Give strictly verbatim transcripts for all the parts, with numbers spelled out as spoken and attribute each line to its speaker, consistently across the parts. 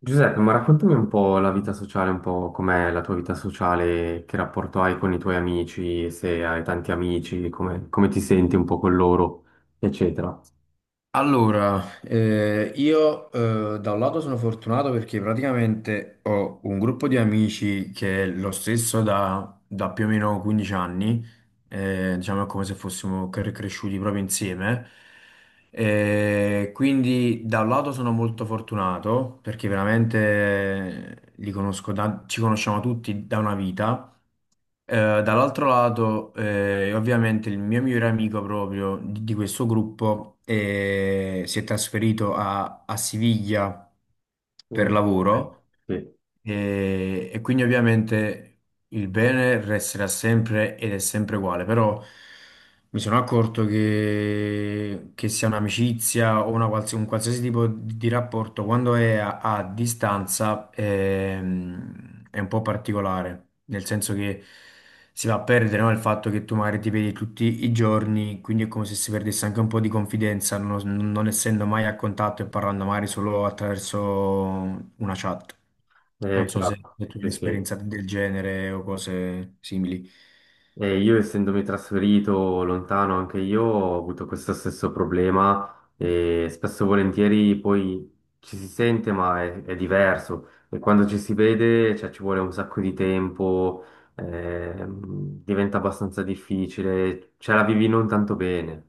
Speaker 1: Giuseppe, ma raccontami un po' la vita sociale, un po' com'è la tua vita sociale, che rapporto hai con i tuoi amici, se hai tanti amici, come, come ti senti un po' con loro, eccetera.
Speaker 2: Allora, eh, io eh, da un lato sono fortunato perché praticamente ho un gruppo di amici che è lo stesso da, da più o meno quindici anni, eh, diciamo è come se fossimo cre- cresciuti proprio insieme. Eh, quindi da un lato sono molto fortunato perché veramente li conosco da- ci conosciamo tutti da una vita. Eh, Dall'altro lato, eh, ovviamente il mio migliore amico proprio di, di questo gruppo eh, si è trasferito a, a Siviglia per
Speaker 1: Mm. Eh,
Speaker 2: lavoro
Speaker 1: sì,
Speaker 2: e, e quindi ovviamente il bene resterà sempre ed è sempre uguale, però mi sono accorto che, che sia un'amicizia o una quals- un qualsiasi tipo di di rapporto, quando è a, a distanza ehm, è, un po' particolare, nel senso che si va a perdere, no, il fatto che tu magari ti vedi tutti i giorni, quindi è come se si perdesse anche un po' di confidenza, non non essendo mai a contatto e parlando magari solo attraverso una chat.
Speaker 1: è
Speaker 2: Non so se,
Speaker 1: chiaro.
Speaker 2: se tu hai
Speaker 1: Sì, sì.
Speaker 2: un'esperienza del genere o cose simili.
Speaker 1: E io essendomi trasferito lontano anche io ho avuto questo stesso problema e spesso e volentieri poi ci si sente ma è, è diverso e quando ci si vede cioè, ci vuole un sacco di tempo, ehm, diventa abbastanza difficile, ce la vivi non tanto bene.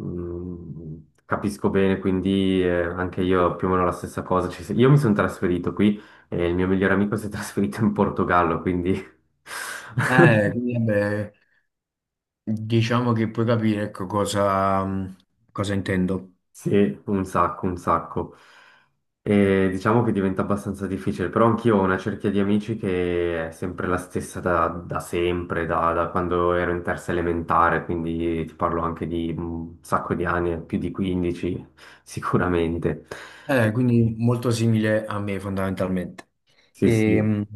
Speaker 1: Mm, capisco bene, quindi eh, anche io più o meno la stessa cosa. Ci- io mi sono trasferito qui e il mio migliore amico si è trasferito in Portogallo, quindi...
Speaker 2: Eh, quindi, vabbè, diciamo che puoi capire, ecco, cosa, mm, cosa intendo.
Speaker 1: Sì, un sacco, un sacco. E diciamo che diventa abbastanza difficile, però anch'io ho una cerchia di amici che è sempre la stessa da, da sempre, da, da quando ero in terza elementare, quindi ti parlo anche di un sacco di anni, più di quindici sicuramente.
Speaker 2: Eh, quindi molto simile a me fondamentalmente.
Speaker 1: Sì,
Speaker 2: E,
Speaker 1: sì.
Speaker 2: mh,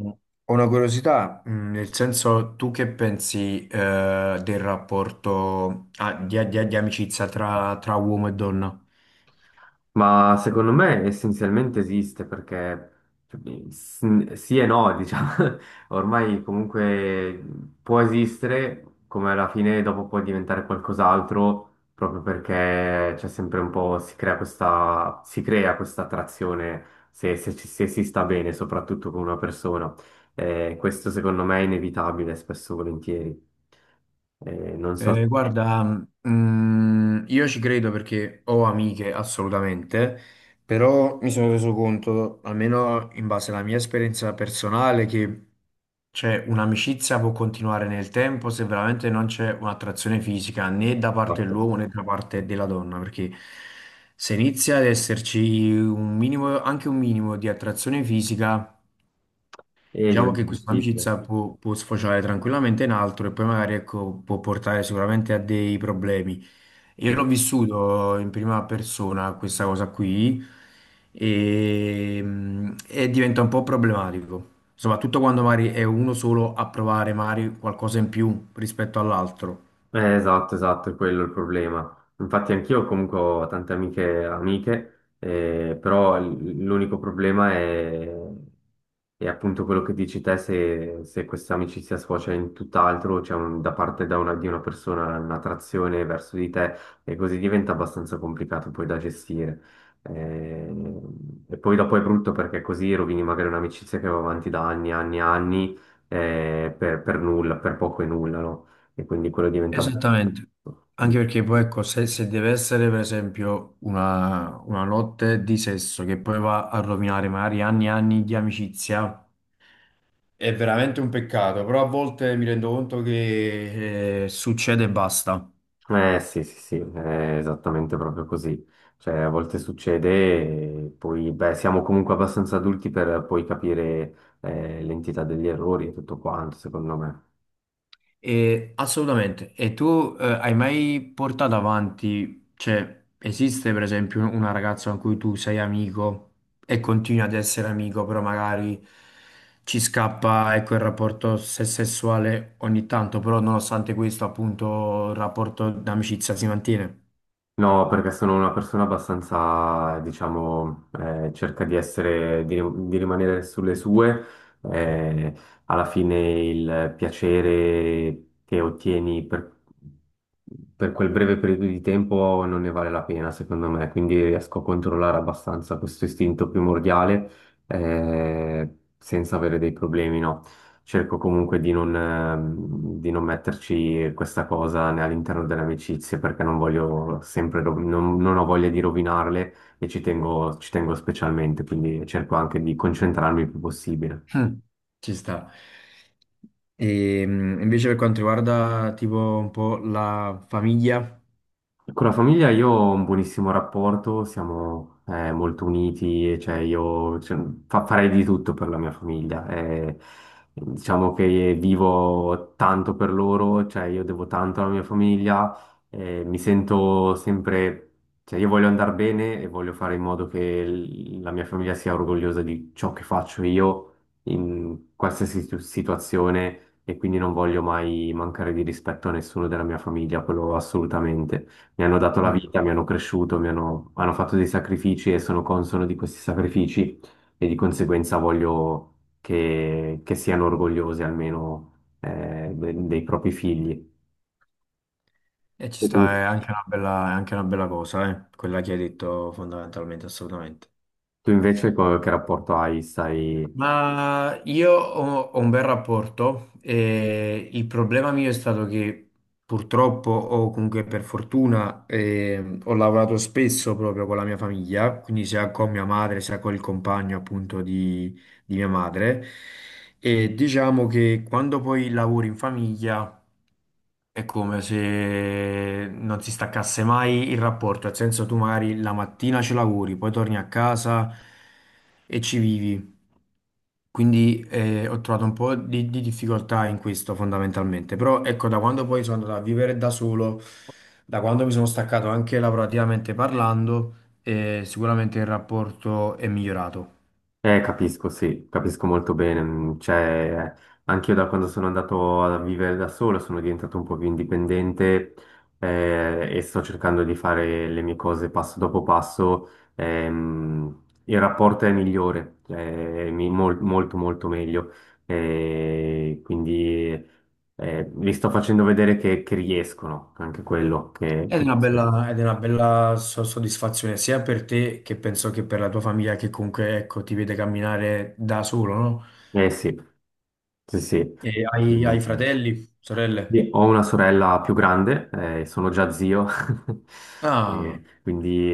Speaker 2: ho una curiosità, mh, nel senso, tu che pensi, eh, del rapporto, ah, di, di- di amicizia tra, tra uomo e donna?
Speaker 1: Ma secondo me essenzialmente esiste perché cioè, s- sì e no, diciamo, ormai comunque può esistere, come alla fine dopo può diventare qualcos'altro, proprio perché c'è sempre un po', si crea questa, si crea questa attrazione se, se ci- se si sta bene, soprattutto con una persona. Eh, questo secondo me è inevitabile, spesso e volentieri. Eh, non so
Speaker 2: Eh,
Speaker 1: se...
Speaker 2: guarda, mm, io ci credo perché ho amiche assolutamente, però mi sono reso conto, almeno in base alla mia esperienza personale, che cioè, un'amicizia può continuare nel tempo se veramente non c'è un'attrazione fisica né da parte dell'uomo né da parte della donna, perché se inizia ad esserci un minimo, anche un minimo di attrazione fisica.
Speaker 1: E
Speaker 2: Diciamo che
Speaker 1: diventa
Speaker 2: questa
Speaker 1: difficile.
Speaker 2: amicizia può, può sfociare tranquillamente in altro e poi magari ecco, può portare sicuramente a dei problemi. Io
Speaker 1: Mm.
Speaker 2: l'ho vissuto in prima persona questa cosa qui e, mm, e diventa un po' problematico, soprattutto quando magari è uno solo a provare magari qualcosa in più rispetto all'altro.
Speaker 1: Eh, esatto, esatto, è quello il problema. Infatti anch'io comunque ho tante amiche, amiche, eh, però l- l'unico problema è, è appunto quello che dici te, se, se questa amicizia sfocia in tutt'altro, c'è un- da parte da una- di una persona un'attrazione verso di te e così diventa abbastanza complicato poi da gestire. Eh, e poi dopo è brutto perché così rovini magari un'amicizia che va avanti da anni, anni, anni, eh, per, per nulla, per poco e nulla, no? E quindi quello diventa...
Speaker 2: Esattamente, anche perché poi ecco, se, se deve essere per esempio una, una notte di sesso che poi va a rovinare magari anni e anni di amicizia, è veramente un peccato, però a volte mi rendo conto che eh, succede e basta.
Speaker 1: Eh sì, sì, sì, è esattamente proprio così. Cioè, a volte succede e poi, beh, siamo comunque abbastanza adulti per poi capire eh, l'entità degli errori e tutto quanto, secondo me.
Speaker 2: E, assolutamente. E tu eh, hai mai portato avanti, cioè esiste per esempio una ragazza con cui tu sei amico e continui ad essere amico, però magari ci scappa ecco, il rapporto se- sessuale ogni tanto, però nonostante questo appunto il rapporto d'amicizia si mantiene.
Speaker 1: No, perché sono una persona abbastanza, diciamo, eh, cerca di essere, di, di rimanere sulle sue. Eh, alla fine il piacere che ottieni per, per quel breve periodo di tempo non ne vale la pena, secondo me. Quindi riesco a controllare abbastanza questo istinto primordiale, eh, senza avere dei problemi, no? Cerco comunque di non, ehm, di non metterci questa cosa né all'interno delle amicizie perché non voglio sempre, rovi- non, non ho voglia di rovinarle e ci tengo, ci tengo specialmente, quindi cerco anche di concentrarmi il più possibile.
Speaker 2: Hm, Ci sta. E mh, invece per quanto riguarda tipo un po' la famiglia.
Speaker 1: Con la famiglia io ho un buonissimo rapporto, siamo eh, molto uniti, e, cioè io cioè, fa- farei di tutto per la mia famiglia. Eh, diciamo che vivo tanto per loro, cioè io devo tanto alla mia famiglia, eh, mi sento sempre, cioè io voglio andare bene e voglio fare in modo che l- la mia famiglia sia orgogliosa di ciò che faccio io in qualsiasi situ- situazione e quindi non voglio mai mancare di rispetto a nessuno della mia famiglia, quello assolutamente. Mi hanno dato la
Speaker 2: Mm.
Speaker 1: vita, mi hanno cresciuto, mi hanno, hanno fatto dei sacrifici e sono consono di questi sacrifici e di conseguenza voglio che, che siano orgogliosi almeno eh, de- dei propri figli.
Speaker 2: Eh, ci
Speaker 1: E tu?
Speaker 2: sta, è anche una bella, è anche una bella cosa, eh, quella che hai detto fondamentalmente, assolutamente.
Speaker 1: Tu invece co- che rapporto hai? Stai,
Speaker 2: Ma io ho, ho un bel rapporto, eh, il problema mio è stato che purtroppo o comunque per fortuna eh, ho lavorato spesso proprio con la mia famiglia, quindi sia con mia madre sia con il compagno appunto di, di mia madre e diciamo che quando poi lavori in famiglia è come se non si staccasse mai il rapporto, nel senso tu magari la mattina ci lavori, poi torni a casa e ci vivi. Quindi eh, ho trovato un po' di, di difficoltà in questo fondamentalmente, però ecco da quando poi sono andato a vivere da solo, da quando mi sono staccato anche lavorativamente parlando, eh, sicuramente il rapporto è migliorato.
Speaker 1: eh, capisco, sì, capisco molto bene. Mm, cioè, anch'io da quando sono andato a vivere da solo sono diventato un po' più indipendente eh, e sto cercando di fare le mie cose passo dopo passo. Ehm, il rapporto è migliore, cioè, mi- mol- molto molto meglio. Eh, quindi eh, vi sto facendo vedere che, che riescono, anche quello che,
Speaker 2: Ed è
Speaker 1: che...
Speaker 2: una bella, ed è una bella so- soddisfazione sia per te che penso che per la tua famiglia che comunque ecco, ti vede camminare da solo, no?
Speaker 1: Eh sì, sì, sì.
Speaker 2: E hai, hai fratelli, sorelle?
Speaker 1: Sì, ho una sorella più grande, eh, sono già zio,
Speaker 2: Ah.
Speaker 1: e quindi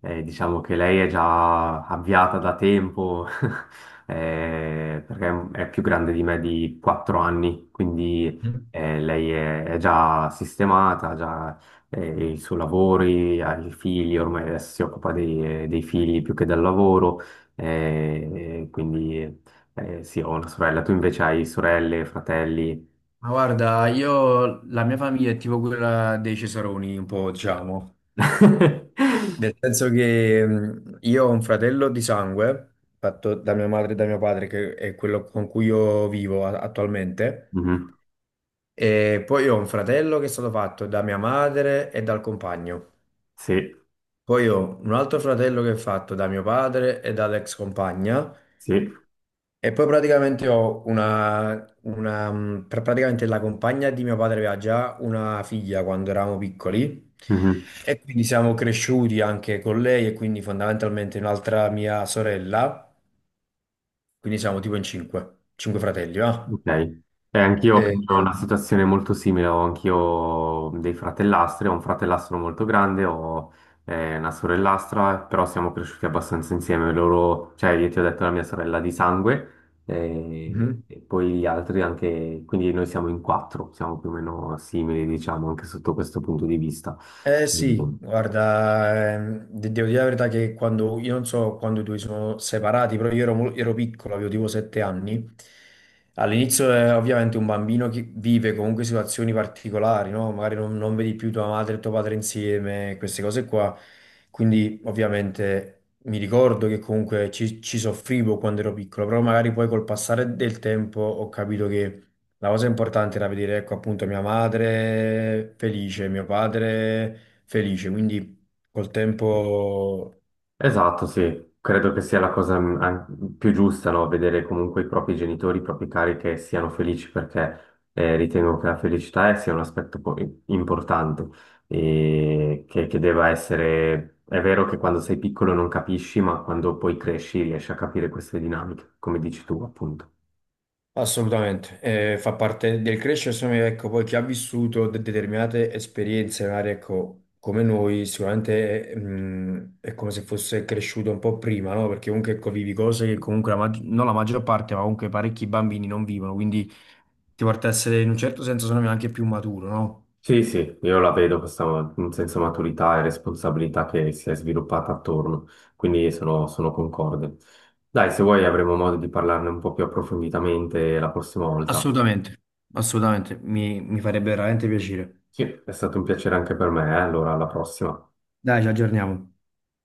Speaker 1: eh, diciamo che lei è già avviata da tempo, eh, perché è più grande di me di quattro anni, quindi eh, lei è, è già sistemata, ha già eh, i suoi lavori, ha i figli, ormai adesso si occupa dei, dei figli più che del lavoro, eh, quindi eh, sì, ho una sorella, tu invece hai sorelle, fratelli?
Speaker 2: Ma guarda, io la mia famiglia è tipo quella dei Cesaroni, un po', diciamo, nel senso che mh, io ho un fratello di sangue, fatto da mia madre e da mio padre, che è quello con cui io vivo a- attualmente,
Speaker 1: Mhm.
Speaker 2: e poi ho un fratello che è stato fatto da mia madre e dal compagno,
Speaker 1: Sì,
Speaker 2: poi ho un altro fratello che è fatto da mio padre e dall'ex compagna,
Speaker 1: sì.
Speaker 2: e poi praticamente ho una, una, mh, pra- praticamente la compagna di mio padre aveva già una figlia quando eravamo piccoli
Speaker 1: Mhm.
Speaker 2: e quindi siamo cresciuti anche con lei e quindi fondamentalmente un'altra mia sorella, quindi siamo tipo in cinque, cinque fratelli, va?
Speaker 1: Ok. E anch'io
Speaker 2: E,
Speaker 1: ho
Speaker 2: e-
Speaker 1: una situazione molto simile, ho anch'io dei fratellastri, ho un fratellastro molto grande, ho eh, una sorellastra, però siamo cresciuti abbastanza insieme, loro, cioè io ti ho detto la mia sorella di sangue, eh,
Speaker 2: mhm.
Speaker 1: e poi gli altri anche, quindi noi siamo in quattro, siamo più o meno simili, diciamo, anche sotto questo punto di vista.
Speaker 2: Eh sì, guarda, ehm, de- devo dire la verità che quando, io non so quando i due sono separati, però io ero, mo- ero piccolo, avevo tipo sette anni. All'inizio eh, ovviamente un bambino che vive comunque situazioni particolari, no? Magari non, non vedi più tua madre e tuo padre insieme, queste cose qua. Quindi ovviamente mi ricordo che comunque ci, ci soffrivo quando ero piccolo, però magari poi col passare del tempo ho capito la cosa importante era vedere, ecco, appunto mia madre felice, mio padre felice, quindi col tempo
Speaker 1: Esatto, sì, credo che sia la cosa mm, an- più giusta, no? Vedere comunque i propri genitori, i propri cari che siano felici perché eh, ritengo che la felicità sia un aspetto po- importante e che, che deva essere... È vero che quando sei piccolo non capisci, ma quando poi cresci riesci a capire queste dinamiche, come dici tu, appunto.
Speaker 2: assolutamente eh, fa parte del crescere, secondo me, ecco, poi chi ha vissuto de- determinate esperienze, magari, ecco, come noi, sicuramente eh, mh, è, come se fosse cresciuto un po' prima, no? Perché comunque, ecco, vivi cose che comunque, la maggi- non la maggior parte, ma comunque parecchi bambini non vivono, quindi ti porta a essere in un certo senso, secondo me, anche più maturo, no?
Speaker 1: Sì, sì, io la vedo questa in senso maturità e responsabilità che si è sviluppata attorno, quindi sono, sono concorde. Dai, se vuoi avremo modo di parlarne un po' più approfonditamente la prossima volta.
Speaker 2: Assolutamente, assolutamente, mi, mi farebbe veramente piacere.
Speaker 1: Sì, è stato un piacere anche per me, eh, allora, alla prossima.
Speaker 2: Dai, ci aggiorniamo.